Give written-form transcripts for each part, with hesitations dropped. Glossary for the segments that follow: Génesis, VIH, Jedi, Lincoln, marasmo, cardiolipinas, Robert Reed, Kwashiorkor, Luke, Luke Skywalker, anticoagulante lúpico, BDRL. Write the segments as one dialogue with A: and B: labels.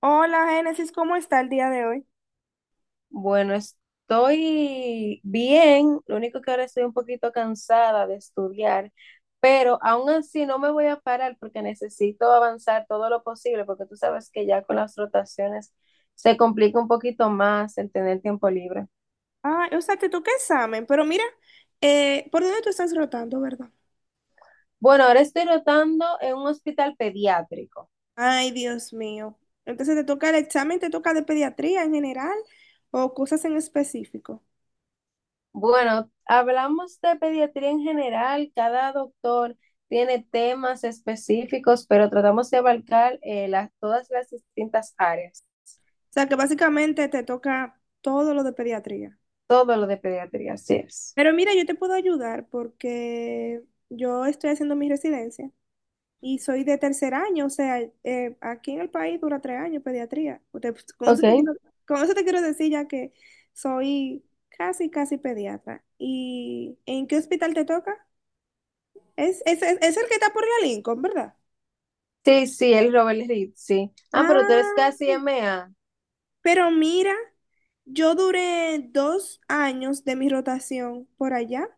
A: Hola, Génesis, ¿cómo está el día de hoy?
B: Bueno, estoy bien, lo único que ahora estoy un poquito cansada de estudiar, pero aún así no me voy a parar porque necesito avanzar todo lo posible, porque tú sabes que ya con las rotaciones se complica un poquito más el tener tiempo libre.
A: Ah, o sea, que tú qué examen, pero mira, ¿por dónde tú estás rotando, verdad?
B: Bueno, ahora estoy rotando en un hospital pediátrico.
A: Ay, Dios mío. Entonces, ¿te toca el examen, te toca de pediatría en general o cosas en específico?
B: Bueno, hablamos de pediatría en general, cada doctor tiene temas específicos, pero tratamos de abarcar todas las distintas áreas.
A: O sea, que básicamente te toca todo lo de pediatría.
B: Todo lo de pediatría, así es.
A: Pero mira, yo te puedo ayudar porque yo estoy haciendo mi residencia. Y soy de tercer año, o sea, aquí en el país dura tres años pediatría. Usted, pues, Con eso te
B: Ok.
A: quiero, con eso te quiero decir ya que soy casi, casi pediatra. ¿Y en qué hospital te toca? Es el que está por la Lincoln, ¿verdad?
B: Sí, sí, el Robert Reed, sí. Ah, pero tú eres
A: Ah,
B: casi MA.
A: pero mira, yo duré dos años de mi rotación por allá.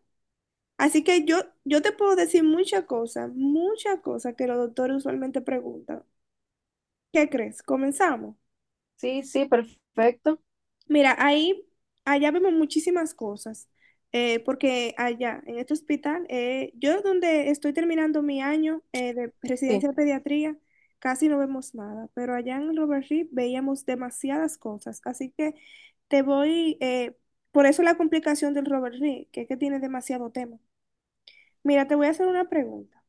A: Así que yo te puedo decir muchas cosas que los doctores usualmente preguntan. ¿Qué crees? ¿Comenzamos?
B: Sí, sí, perfecto.
A: Mira, ahí, allá vemos muchísimas cosas, porque allá, en este hospital, yo donde estoy terminando mi año de
B: Sí,
A: residencia de pediatría, casi no vemos nada, pero allá en Robert Reed veíamos demasiadas cosas, así que te voy, por eso la complicación del Robert Reed, que es que tiene demasiado tema. Mira, te voy a hacer una pregunta.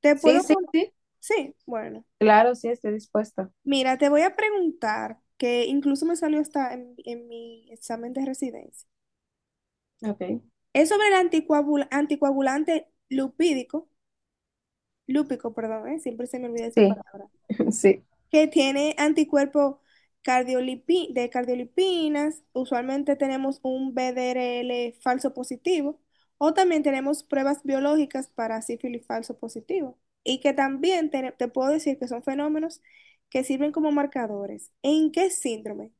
A: ¿Te
B: sí,
A: puedo...
B: sí, sí.
A: Sí, bueno.
B: Claro, sí, estoy dispuesta.
A: Mira, te voy a preguntar, que incluso me salió hasta en mi examen de residencia.
B: Ok.
A: Es sobre el anticoagulante lupídico, lúpico, perdón, ¿eh? Siempre se me olvida esa
B: Sí,
A: palabra
B: sí.
A: que tiene anticuerpos de cardiolipinas, usualmente tenemos un BDRL falso positivo, o también tenemos pruebas biológicas para sífilis falso positivo, y que también te puedo decir que son fenómenos que sirven como marcadores. ¿En qué síndrome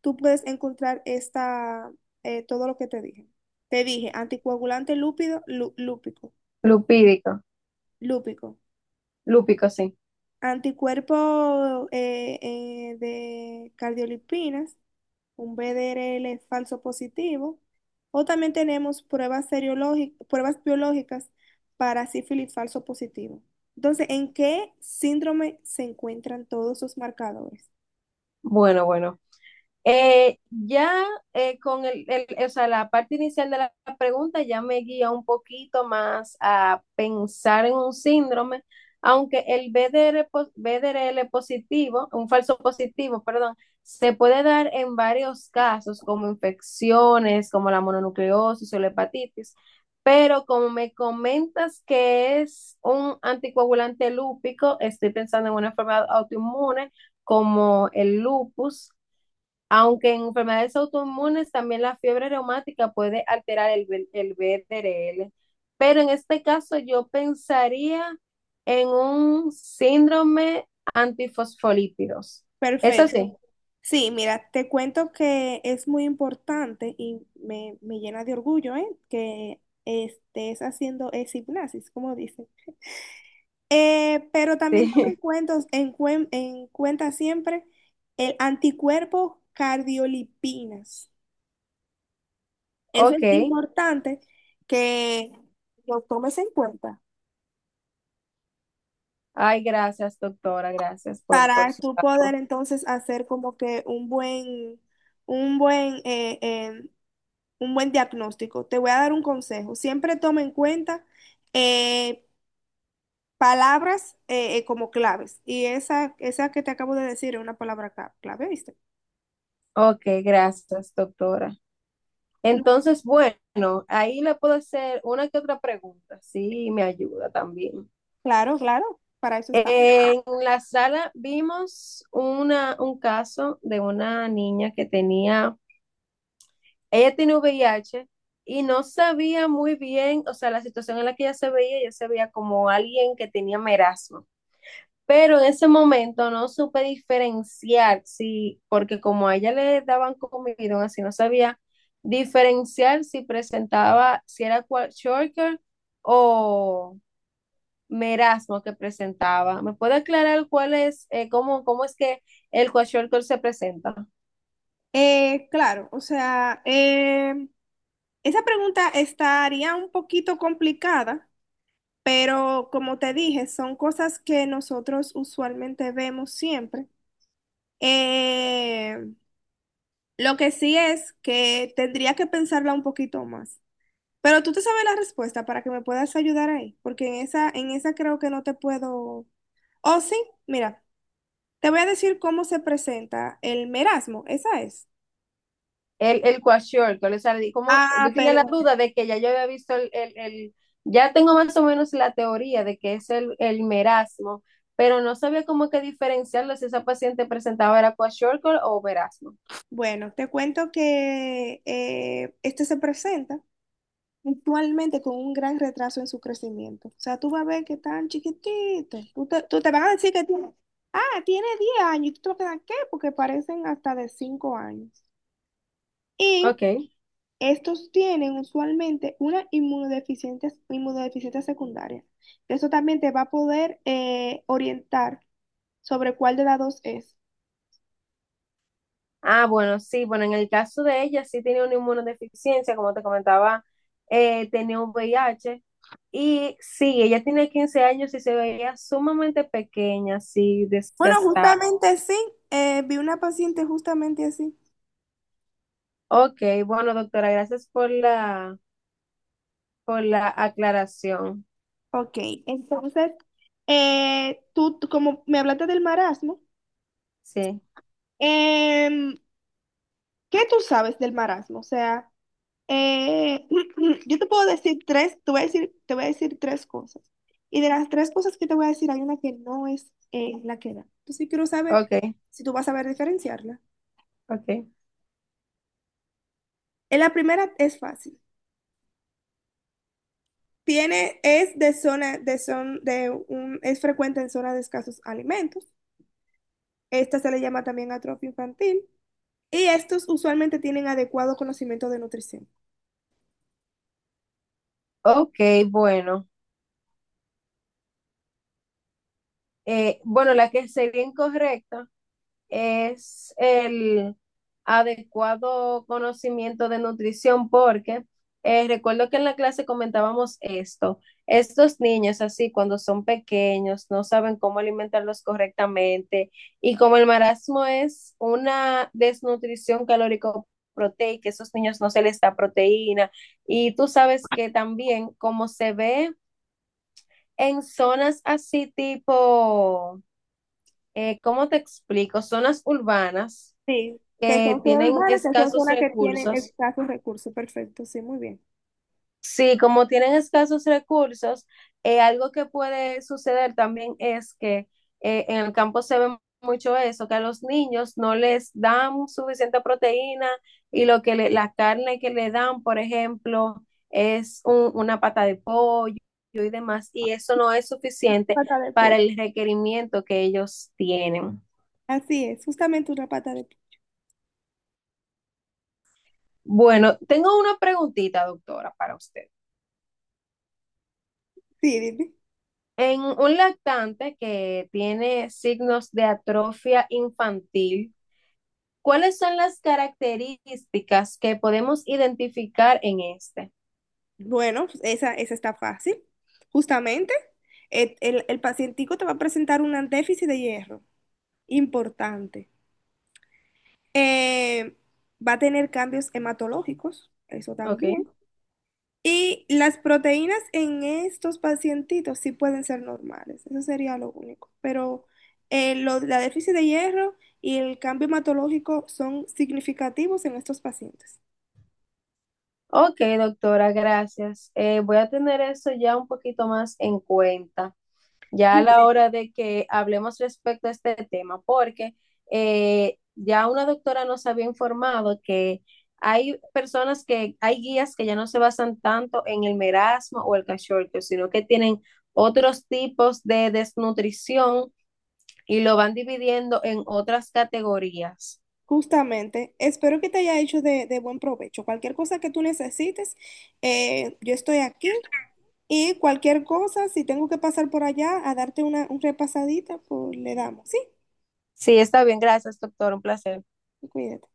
A: tú puedes encontrar esta, todo lo que te dije? Te dije anticoagulante lúpido, lúpico,
B: Lupídico.
A: lúpico.
B: Lúpico, sí.
A: Anticuerpo de cardiolipinas, un BDRL falso positivo. O también tenemos pruebas biológicas para sífilis falso positivo. Entonces, ¿en qué síndrome se encuentran todos esos marcadores?
B: Bueno, bueno. Ya, o sea, la parte inicial de la pregunta ya me guía un poquito más a pensar en un síndrome, aunque el BDRL positivo, un falso positivo, perdón, se puede dar en varios casos, como infecciones, como la mononucleosis o la hepatitis, pero como me comentas que es un anticoagulante lúpico, estoy pensando en una enfermedad autoinmune como el lupus, aunque en enfermedades autoinmunes también la fiebre reumática puede alterar el BDRL, pero en este caso yo pensaría en un síndrome antifosfolípidos. Eso sí,
A: Perfecto. Sí, mira, te cuento que es muy importante y me llena de orgullo, ¿eh? Que estés haciendo esa hipnosis, como dicen. Pero también toma en
B: sí,
A: cuenta, en cuenta siempre el anticuerpo cardiolipinas. Eso es
B: ok.
A: importante que lo tomes en cuenta
B: Ay, gracias, doctora, gracias por
A: para
B: su
A: tú poder
B: trabajo.
A: entonces hacer como que un buen, un buen, un buen diagnóstico. Te voy a dar un consejo. Siempre toma en cuenta eh, palabras como claves. Y esa que te acabo de decir es una palabra clave, ¿viste?
B: Ok, gracias, doctora. Entonces, bueno, ahí le puedo hacer una que otra pregunta, sí, me ayuda también.
A: Claro, claro, para eso está.
B: En la sala vimos un caso de una niña que tenía, ella tiene VIH, y no sabía muy bien, o sea, la situación en la que ella se veía como alguien que tenía merasmo. Pero en ese momento no supe diferenciar, sí, porque como a ella le daban comidón, así no sabía diferenciar si presentaba, si era Shorter o Merasmo que presentaba. ¿Me puede aclarar cuál es, cómo es que el Kwashiorkor se presenta?
A: Claro, o sea, esa pregunta estaría un poquito complicada, pero como te dije, son cosas que nosotros usualmente vemos siempre. Eh, lo que sí es que tendría que pensarla un poquito más. Pero tú te sabes la respuesta para que me puedas ayudar ahí, porque en esa creo que no te puedo. Oh, sí, mira, te voy a decir cómo se presenta el merasmo, esa es.
B: El Kwashiorkor, o sea, ¿cómo?
A: Ah,
B: Yo tenía la
A: perdón.
B: duda de que ya yo había visto ya tengo más o menos la teoría de que es el merasmo, pero no sabía cómo que diferenciarlo si esa paciente presentaba era Kwashiorkor o merasmo.
A: Bueno, te cuento que este se presenta actualmente con un gran retraso en su crecimiento. O sea, tú vas a ver que tan chiquitito. Tú te van a decir que tiene, ah, tiene 10 años. ¿Y tú te vas a quedar qué? Porque parecen hasta de 5 años. Y
B: Ok.
A: estos tienen usualmente una inmunodeficiencia, inmunodeficiencia secundaria. Eso también te va a poder orientar sobre cuál de las dos es.
B: Ah, bueno, sí, bueno, en el caso de ella sí tenía una inmunodeficiencia, como te comentaba, tenía un VIH. Y sí, ella tenía 15 años y se veía sumamente pequeña, así
A: Bueno,
B: desgastada.
A: justamente sí. Eh, vi una paciente justamente así.
B: Ok, bueno, doctora, gracias por la aclaración.
A: Ok, entonces, tú como me hablaste del marasmo,
B: Sí,
A: em, ¿qué tú sabes del marasmo? O sea, eh, yo te puedo decir tres, te voy a decir, te voy a decir tres cosas. Y de las tres cosas que te voy a decir, hay una que no es la que da. Entonces, yo quiero saber
B: ok,
A: si tú vas a saber diferenciarla.
B: ok.
A: La primera es fácil. Tiene, es de zona, de son, de un, es frecuente en zonas de escasos alimentos. Esta se le llama también atrofia infantil. Y estos usualmente tienen adecuado conocimiento de nutrición.
B: Ok, bueno. Bueno, la que sería incorrecta es el adecuado conocimiento de nutrición porque recuerdo que en la clase comentábamos esto. Estos niños así cuando son pequeños no saben cómo alimentarlos correctamente y como el marasmo es una desnutrición calórico proteica, esos niños no se les da proteína, y tú sabes que también como se ve en zonas así tipo, ¿cómo te explico? Zonas urbanas
A: Sí, que
B: que
A: son zonas
B: tienen
A: urbanas, que son
B: escasos
A: zonas que tienen
B: recursos.
A: escasos recursos. Perfecto, sí, muy bien.
B: Sí, como tienen escasos recursos, algo que puede suceder también es que en el campo se ve mucho eso, que a los niños no les dan suficiente proteína y la carne que le dan, por ejemplo, es una pata de pollo y demás, y eso no es suficiente
A: Pata de
B: para
A: pollo.
B: el requerimiento que ellos tienen.
A: Así es, justamente una pata de... pollo.
B: Bueno, tengo una preguntita, doctora, para usted.
A: Sí, dime.
B: En un lactante que tiene signos de atrofia infantil, ¿cuáles son las características que podemos identificar en este?
A: Bueno, pues esa está fácil. Justamente, el pacientico te va a presentar un déficit de hierro importante. Eh, va a tener cambios hematológicos, eso
B: Ok,
A: también. Y las proteínas en estos pacientitos sí pueden ser normales, eso sería lo único. Pero la déficit de hierro y el cambio hematológico son significativos en estos pacientes.
B: ok, doctora, gracias. Voy a tener eso ya un poquito más en cuenta, ya
A: Yo
B: a la
A: te-
B: hora de que hablemos respecto a este tema, porque ya una doctora nos había informado que hay personas que, hay guías que ya no se basan tanto en el merasmo o el cachorro, sino que tienen otros tipos de desnutrición y lo van dividiendo en otras categorías.
A: justamente, espero que te haya hecho de buen provecho. Cualquier cosa que tú necesites, yo estoy aquí. Y cualquier cosa, si tengo que pasar por allá a darte una, un repasadita, pues le damos, ¿sí?
B: Sí, está bien, gracias, doctor, un placer.
A: Cuídate.